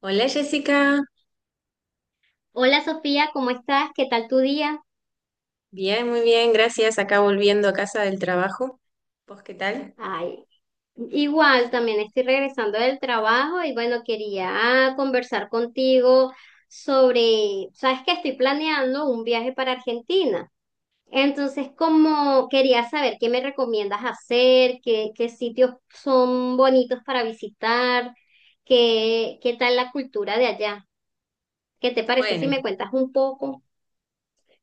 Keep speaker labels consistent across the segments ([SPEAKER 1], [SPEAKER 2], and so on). [SPEAKER 1] Hola Jessica,
[SPEAKER 2] Hola Sofía, ¿cómo estás? ¿Qué tal tu día?
[SPEAKER 1] bien, muy bien, gracias. Acá volviendo a casa del trabajo. ¿Vos qué tal?
[SPEAKER 2] Ay, igual también estoy regresando del trabajo y bueno, quería conversar contigo sobre, sabes que estoy planeando un viaje para Argentina. Entonces, como quería saber qué me recomiendas hacer, qué sitios son bonitos para visitar, qué tal la cultura de allá. ¿Qué te parece si
[SPEAKER 1] Bueno,
[SPEAKER 2] me cuentas un poco?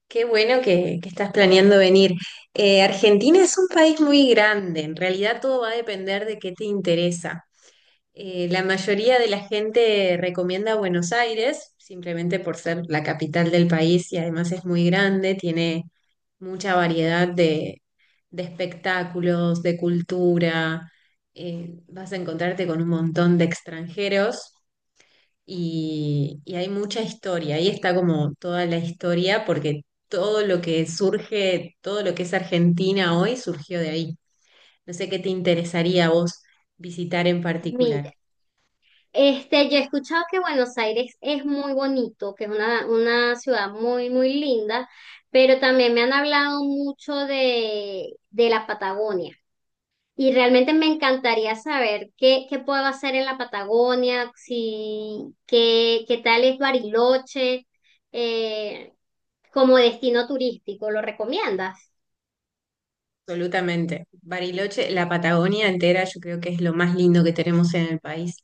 [SPEAKER 1] qué bueno que estás planeando venir. Argentina es un país muy grande, en realidad todo va a depender de qué te interesa. La mayoría de la gente recomienda Buenos Aires, simplemente por ser la capital del país y además es muy grande, tiene mucha variedad de espectáculos, de cultura. Vas a encontrarte con un montón de extranjeros y hay mucha historia, ahí está como toda la historia, porque todo lo que surge, todo lo que es Argentina hoy surgió de ahí. No sé qué te interesaría a vos visitar en particular.
[SPEAKER 2] Este, yo he escuchado que Buenos Aires es muy bonito, que es una ciudad muy, muy linda, pero también me han hablado mucho de la Patagonia. Y realmente me encantaría saber qué, qué puedo hacer en la Patagonia, si, qué tal es Bariloche, eh, como destino turístico. ¿Lo recomiendas?
[SPEAKER 1] Absolutamente. Bariloche, la Patagonia entera, yo creo que es lo más lindo que tenemos en el país.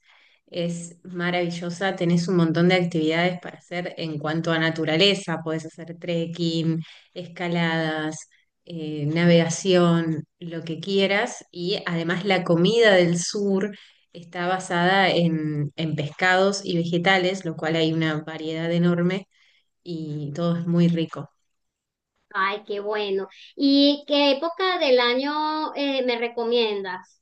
[SPEAKER 1] Es maravillosa, tenés un montón de actividades para hacer en cuanto a naturaleza. Podés hacer trekking, escaladas, navegación, lo que quieras. Y además la comida del sur está basada en pescados y vegetales, lo cual hay una variedad enorme y todo es muy rico.
[SPEAKER 2] Ay, qué bueno. ¿Y qué época del año me recomiendas?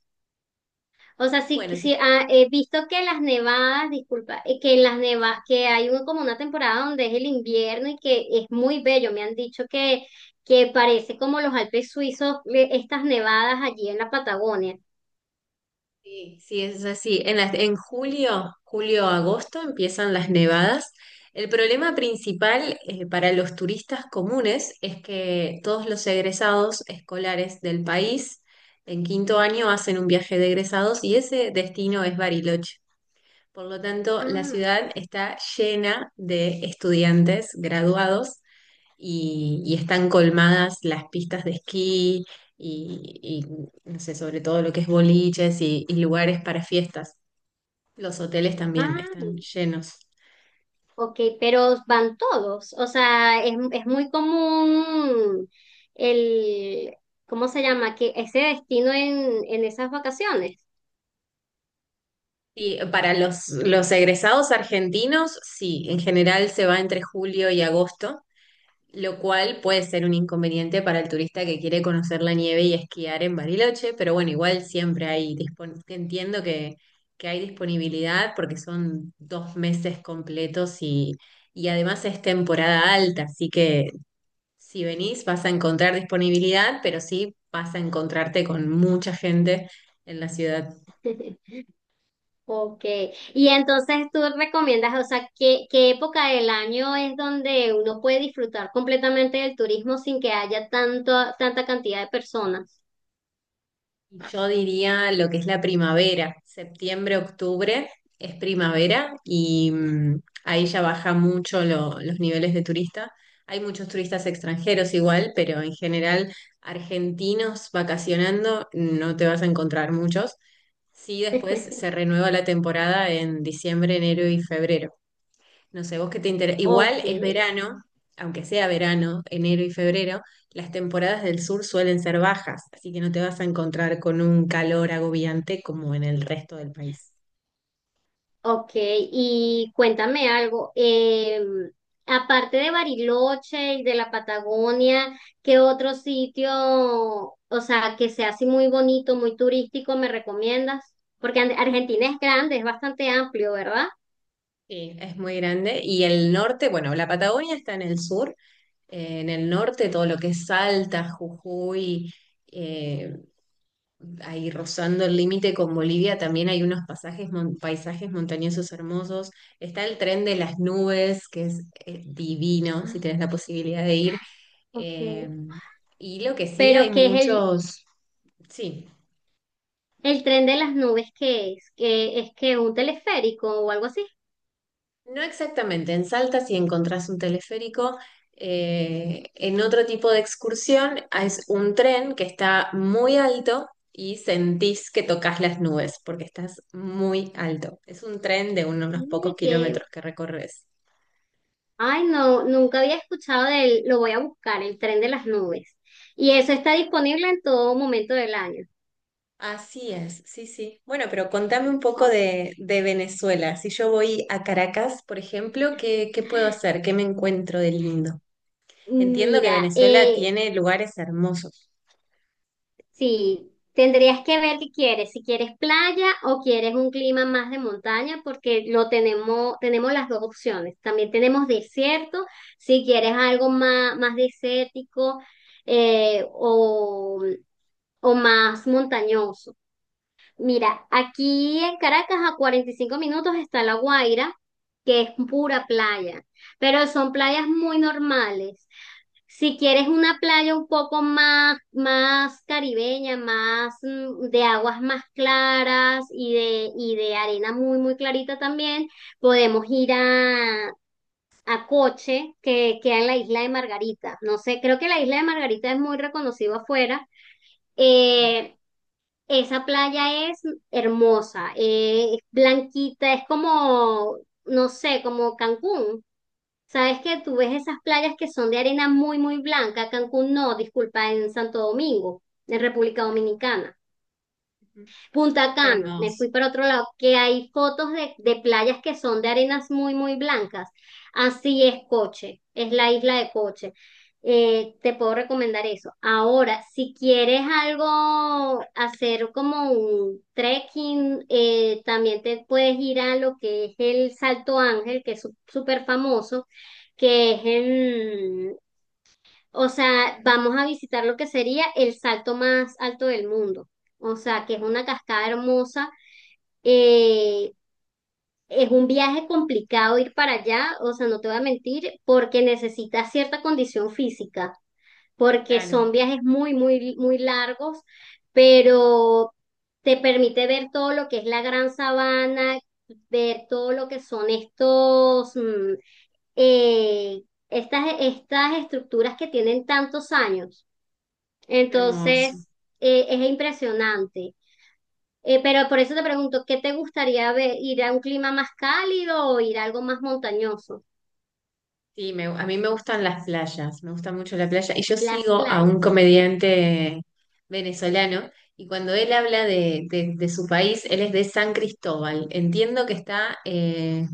[SPEAKER 2] O sea, sí,
[SPEAKER 1] Bueno,
[SPEAKER 2] sí
[SPEAKER 1] si
[SPEAKER 2] he visto que las nevadas, disculpa, que en las nevadas, que hay como una temporada donde es el invierno y que es muy bello. Me han dicho que parece como los Alpes suizos, estas nevadas allí en la Patagonia.
[SPEAKER 1] sí, sí, es así. En julio, julio-agosto empiezan las nevadas. El problema principal para los turistas comunes es que todos los egresados escolares del país en quinto año hacen un viaje de egresados y ese destino es Bariloche. Por lo tanto, la
[SPEAKER 2] Ah,
[SPEAKER 1] ciudad está llena de estudiantes graduados y están colmadas las pistas de esquí y, no sé, sobre todo lo que es boliches y lugares para fiestas. Los hoteles también
[SPEAKER 2] ah,
[SPEAKER 1] están llenos.
[SPEAKER 2] ok, pero van todos. O sea, es muy común el, ¿cómo se llama? Que ese destino en esas vacaciones.
[SPEAKER 1] Y para los egresados argentinos, sí, en general se va entre julio y agosto, lo cual puede ser un inconveniente para el turista que quiere conocer la nieve y esquiar en Bariloche, pero bueno, igual siempre entiendo que hay disponibilidad porque son dos meses completos y además es temporada alta, así que si venís vas a encontrar disponibilidad, pero sí vas a encontrarte con mucha gente en la ciudad.
[SPEAKER 2] Ok, y entonces tú recomiendas, o sea, ¿qué, qué época del año es donde uno puede disfrutar completamente del turismo sin que haya tanto, tanta cantidad de personas?
[SPEAKER 1] Yo diría lo que es la primavera, septiembre, octubre es primavera y ahí ya baja mucho los niveles de turista. Hay muchos turistas extranjeros igual, pero en general argentinos vacacionando no te vas a encontrar muchos. Sí, después se renueva la temporada en diciembre, enero y febrero. No sé, vos qué te interesa.
[SPEAKER 2] Ok,
[SPEAKER 1] Igual es verano, aunque sea verano, enero y febrero, las temporadas del sur suelen ser bajas, así que no te vas a encontrar con un calor agobiante como en el resto del país.
[SPEAKER 2] ok, y cuéntame algo, aparte de Bariloche y de la Patagonia, ¿qué otro sitio, o sea, que sea así muy bonito, muy turístico, me recomiendas? Porque Argentina es grande, es bastante amplio, ¿verdad?
[SPEAKER 1] Sí, es muy grande. Y el norte, bueno, la Patagonia está en el sur. En el norte, todo lo que es Salta, Jujuy, eh, ahí rozando el límite con Bolivia, también hay unos pasajes, paisajes montañosos hermosos. Está el tren de las nubes, que es divino, si
[SPEAKER 2] Ah,
[SPEAKER 1] tenés la posibilidad de ir. Eh,
[SPEAKER 2] ok.
[SPEAKER 1] y lo que sí, hay
[SPEAKER 2] Pero ¿qué es
[SPEAKER 1] muchos, sí,
[SPEAKER 2] el tren de las nubes? ¿Qué es? ¿Que es que un teleférico o algo así?
[SPEAKER 1] no exactamente, en Salta si encontrás un teleférico, en otro tipo de excursión es un tren que está muy alto y sentís que tocas las nubes porque estás muy alto. Es un tren de unos
[SPEAKER 2] Ay,
[SPEAKER 1] pocos
[SPEAKER 2] que,
[SPEAKER 1] kilómetros que recorres.
[SPEAKER 2] ay, no, nunca había escuchado de él, lo voy a buscar, el tren de las nubes. Y eso está disponible en todo momento del año.
[SPEAKER 1] Así es, sí, sí. Bueno, pero contame un poco
[SPEAKER 2] Ok.
[SPEAKER 1] de Venezuela. Si yo voy a Caracas, por ejemplo, ¿qué, qué puedo hacer? ¿Qué me encuentro de lindo? Entiendo que
[SPEAKER 2] Mira,
[SPEAKER 1] Venezuela tiene lugares hermosos.
[SPEAKER 2] sí, tendrías que ver qué quieres, si quieres playa o quieres un clima más de montaña, porque lo tenemos, tenemos las dos opciones. También tenemos desierto, si quieres algo más, más desértico eh, o, o más montañoso. Mira, aquí en Caracas a 45 minutos está La Guaira, que es pura playa, pero son playas muy normales. Si quieres una playa un poco más, más caribeña, más de aguas más claras y de arena muy, muy clarita también, podemos ir a Coche, que queda en la isla de Margarita. No sé, creo que la isla de Margarita es muy reconocida afuera.
[SPEAKER 1] Sí.
[SPEAKER 2] Eh, Esa playa es hermosa, es blanquita, es como, no sé, como Cancún. Sabes que tú ves esas playas que son de arena muy, muy blanca. Cancún no, disculpa, en Santo Domingo, en República Dominicana.
[SPEAKER 1] Ujú.
[SPEAKER 2] Punta
[SPEAKER 1] Qué
[SPEAKER 2] Cana, me
[SPEAKER 1] hermoso.
[SPEAKER 2] fui para otro lado, que hay fotos de playas que son de arenas muy, muy blancas. Así es Coche, es la isla de Coche. Te puedo recomendar eso. Ahora, si quieres algo, hacer como un trekking, también te puedes ir a lo que es el Salto Ángel, que es súper famoso, que es en, o sea, vamos a visitar lo que sería el salto más alto del mundo. O sea, que es una cascada hermosa. eh, es un viaje complicado ir para allá, o sea, no te voy a mentir, porque necesitas cierta condición física porque
[SPEAKER 1] Claro,
[SPEAKER 2] son viajes muy, muy, muy largos, pero te permite ver todo lo que es la gran sabana, ver todo lo que son estos, eh, estas, estas estructuras que tienen tantos años.
[SPEAKER 1] hermoso.
[SPEAKER 2] Entonces, es impresionante. Pero por eso te pregunto, ¿qué te gustaría ver? ¿Ir a un clima más cálido o ir a algo más montañoso?
[SPEAKER 1] Sí, a mí me gustan las playas, me gusta mucho la playa. Y yo
[SPEAKER 2] Las
[SPEAKER 1] sigo a un
[SPEAKER 2] playas.
[SPEAKER 1] comediante venezolano, y cuando él habla de su país, él es de San Cristóbal. Entiendo que está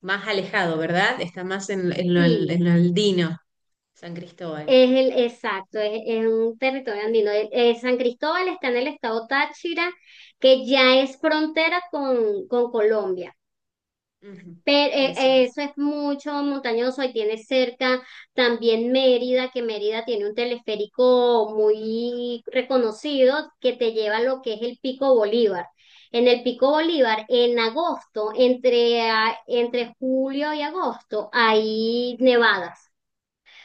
[SPEAKER 1] más alejado, ¿verdad? Está más
[SPEAKER 2] Sí,
[SPEAKER 1] en lo andino, San Cristóbal.
[SPEAKER 2] es el, exacto, es un territorio andino. San Cristóbal está en el estado Táchira, que ya es frontera con Colombia.
[SPEAKER 1] Ujú,
[SPEAKER 2] Pero
[SPEAKER 1] eso es.
[SPEAKER 2] eso es mucho montañoso y tiene cerca también Mérida, que Mérida tiene un teleférico muy reconocido que te lleva a lo que es el Pico Bolívar. En el Pico Bolívar, en agosto, entre julio y agosto, hay nevadas.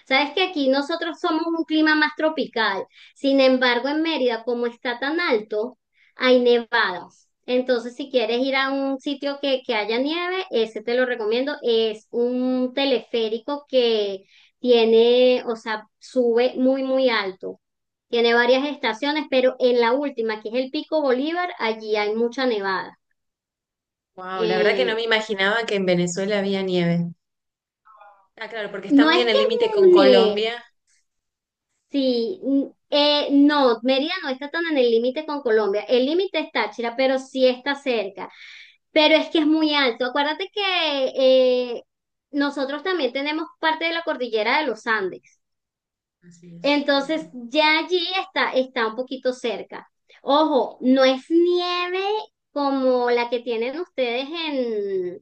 [SPEAKER 2] Sabes que aquí nosotros somos un clima más tropical. Sin embargo, en Mérida, como está tan alto, hay nevadas. Entonces, si quieres ir a un sitio que haya nieve, ese te lo recomiendo. Es un teleférico que tiene, o sea, sube muy, muy alto. Tiene varias estaciones, pero en la última, que es el Pico Bolívar, allí hay mucha nevada.
[SPEAKER 1] Wow, la verdad que no
[SPEAKER 2] Eh,
[SPEAKER 1] me imaginaba que en Venezuela había nieve. Ah, claro, porque está
[SPEAKER 2] no
[SPEAKER 1] muy
[SPEAKER 2] es
[SPEAKER 1] en
[SPEAKER 2] que
[SPEAKER 1] el límite
[SPEAKER 2] es
[SPEAKER 1] con
[SPEAKER 2] un nieve.
[SPEAKER 1] Colombia.
[SPEAKER 2] Sí, no, Mérida no está tan en el límite con Colombia. El límite es Táchira, pero sí está cerca. Pero es que es muy alto. Acuérdate que eh, nosotros también tenemos parte de la cordillera de los Andes.
[SPEAKER 1] Así es. Ujú.
[SPEAKER 2] Entonces ya allí está, está un poquito cerca. Ojo, no es nieve como la que tienen ustedes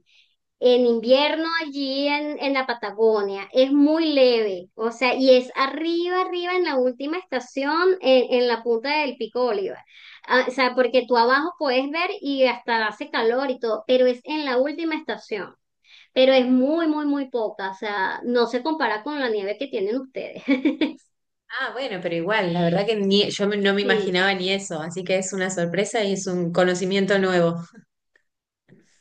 [SPEAKER 2] en invierno allí en la Patagonia. Es muy leve, o sea, y es arriba, arriba en la última estación, en la punta del Pico Bolívar. Ah, o sea, porque tú abajo puedes ver y hasta hace calor y todo, pero es en la última estación. Pero es muy, muy, muy poca, o sea, no se compara con la nieve que tienen ustedes.
[SPEAKER 1] Ah, bueno, pero igual, la verdad que ni, no me
[SPEAKER 2] Sí,
[SPEAKER 1] imaginaba ni eso, así que es una sorpresa y es un conocimiento nuevo.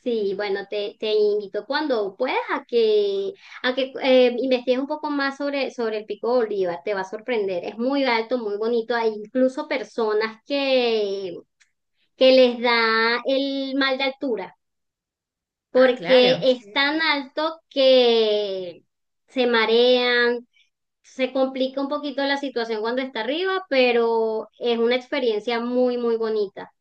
[SPEAKER 2] sí, bueno, te invito cuando puedas a que investigues un poco más sobre, sobre el Pico Bolívar, te va a sorprender, es muy alto, muy bonito, hay incluso personas que les da el mal de altura,
[SPEAKER 1] Ah,
[SPEAKER 2] porque
[SPEAKER 1] claro.
[SPEAKER 2] es
[SPEAKER 1] Sí,
[SPEAKER 2] tan
[SPEAKER 1] sí.
[SPEAKER 2] alto que se marean, se complica un poquito la situación cuando está arriba, pero es una experiencia muy, muy bonita.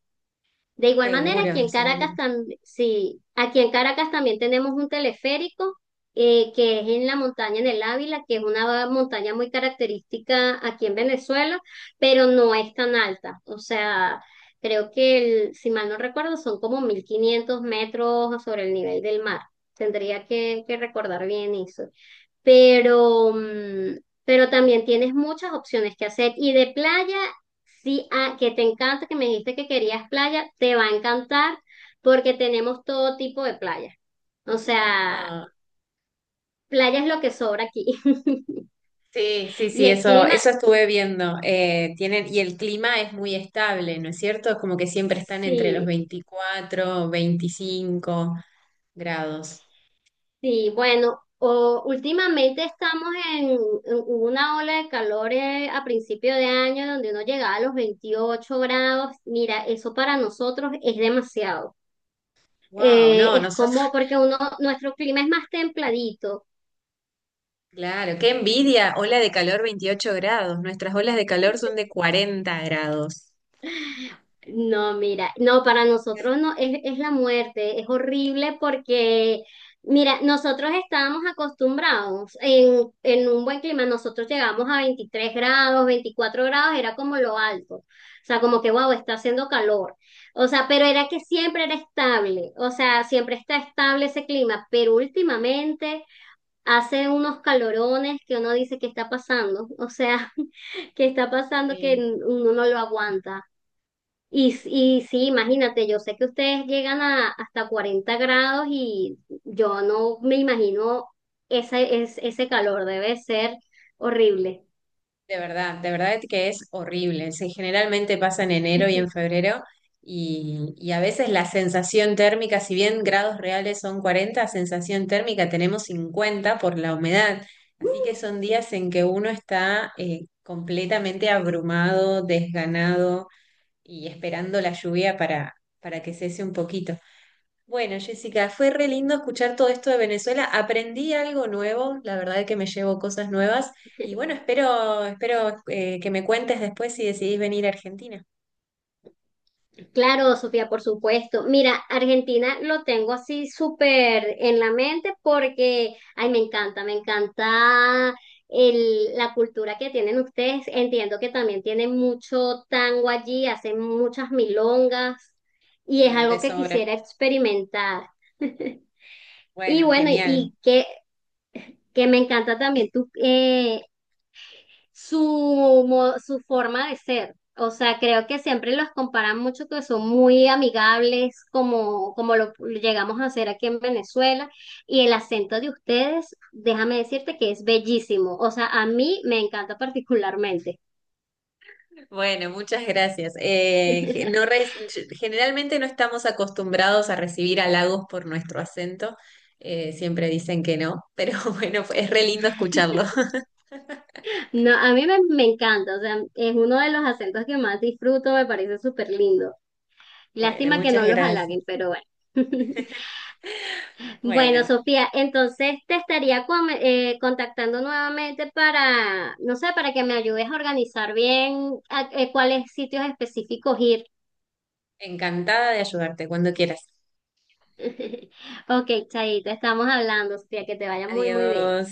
[SPEAKER 2] De igual manera, aquí
[SPEAKER 1] Seguro,
[SPEAKER 2] en Caracas
[SPEAKER 1] seguro.
[SPEAKER 2] también, sí, aquí en Caracas también tenemos un teleférico que es en la montaña, en el Ávila, que es una montaña muy característica aquí en Venezuela, pero no es tan alta. O sea, creo que, si mal no recuerdo, son como 1.500 metros sobre el nivel del mar. Tendría que recordar bien eso pero, pero también tienes muchas opciones que hacer. Y de playa, sí, ah, que te encanta, que me dijiste que querías playa, te va a encantar porque tenemos todo tipo de playa. O sea,
[SPEAKER 1] No,
[SPEAKER 2] playa es lo que sobra aquí.
[SPEAKER 1] sí, sí,
[SPEAKER 2] Y
[SPEAKER 1] sí,
[SPEAKER 2] el
[SPEAKER 1] eso,
[SPEAKER 2] clima,
[SPEAKER 1] eso estuve viendo. Tienen, y el clima es muy estable, ¿no es cierto? Es como que siempre están entre los
[SPEAKER 2] sí,
[SPEAKER 1] 24, 25 grados.
[SPEAKER 2] sí, bueno. O, últimamente estamos en una ola de calor a principio de año donde uno llegaba a los 28 grados. Mira, eso para nosotros es demasiado.
[SPEAKER 1] Wow, no,
[SPEAKER 2] Es
[SPEAKER 1] nosotros,
[SPEAKER 2] como porque uno, nuestro clima es más templadito.
[SPEAKER 1] claro, qué envidia, ola de calor 28 grados. Nuestras olas de calor son de 40 grados.
[SPEAKER 2] No, mira, no, para nosotros no, es la muerte, es horrible porque, mira, nosotros estábamos acostumbrados en un buen clima, nosotros llegamos a 23 grados, 24 grados, era como lo alto, o sea, como que, wow, está haciendo calor, o sea, pero era que siempre era estable, o sea, siempre está estable ese clima, pero últimamente hace unos calorones que uno dice ¿que está pasando? O sea, ¿que está pasando? Que
[SPEAKER 1] Sí.
[SPEAKER 2] uno no lo aguanta. Y sí, imagínate, yo sé que ustedes llegan a hasta 40 grados y yo no me imagino ese, ese calor, debe ser horrible.
[SPEAKER 1] De verdad que es horrible. Sí, generalmente pasa en enero y en febrero y a veces la sensación térmica, si bien grados reales son 40, sensación térmica tenemos 50 por la humedad. Así que son días en que uno está completamente abrumado, desganado y esperando la lluvia para que cese un poquito. Bueno, Jessica, fue re lindo escuchar todo esto de Venezuela. Aprendí algo nuevo, la verdad es que me llevo cosas nuevas. Y bueno, espero, espero que me cuentes después si decidís venir a Argentina.
[SPEAKER 2] Claro, Sofía, por supuesto. Mira, Argentina lo tengo así súper en la mente porque, ay, me encanta la cultura que tienen ustedes. Entiendo que también tienen mucho tango allí, hacen muchas milongas y es
[SPEAKER 1] Y de
[SPEAKER 2] algo que
[SPEAKER 1] sobra.
[SPEAKER 2] quisiera experimentar. Y
[SPEAKER 1] Bueno,
[SPEAKER 2] bueno,
[SPEAKER 1] genial.
[SPEAKER 2] y que me encanta también tu, su forma de ser. O sea, creo que siempre los comparan mucho que son muy amigables, como, como lo llegamos a hacer aquí en Venezuela. Y el acento de ustedes, déjame decirte que es bellísimo. O sea, a mí me encanta particularmente.
[SPEAKER 1] Bueno, muchas gracias. Generalmente no estamos acostumbrados a recibir halagos por nuestro acento. Siempre dicen que no, pero bueno, es re lindo escucharlo.
[SPEAKER 2] No, a mí me, me encanta. O sea, es uno de los acentos que más disfruto, me parece súper lindo.
[SPEAKER 1] Bueno,
[SPEAKER 2] Lástima que
[SPEAKER 1] muchas
[SPEAKER 2] no los halaguen,
[SPEAKER 1] gracias.
[SPEAKER 2] pero bueno. Bueno,
[SPEAKER 1] Bueno,
[SPEAKER 2] Sofía, entonces te estaría contactando nuevamente para, no sé, para que me ayudes a organizar bien cuáles sitios específicos ir.
[SPEAKER 1] encantada de ayudarte cuando quieras.
[SPEAKER 2] Ok, Chaito, estamos hablando, Sofía, que te vaya muy, muy bien.
[SPEAKER 1] Adiós.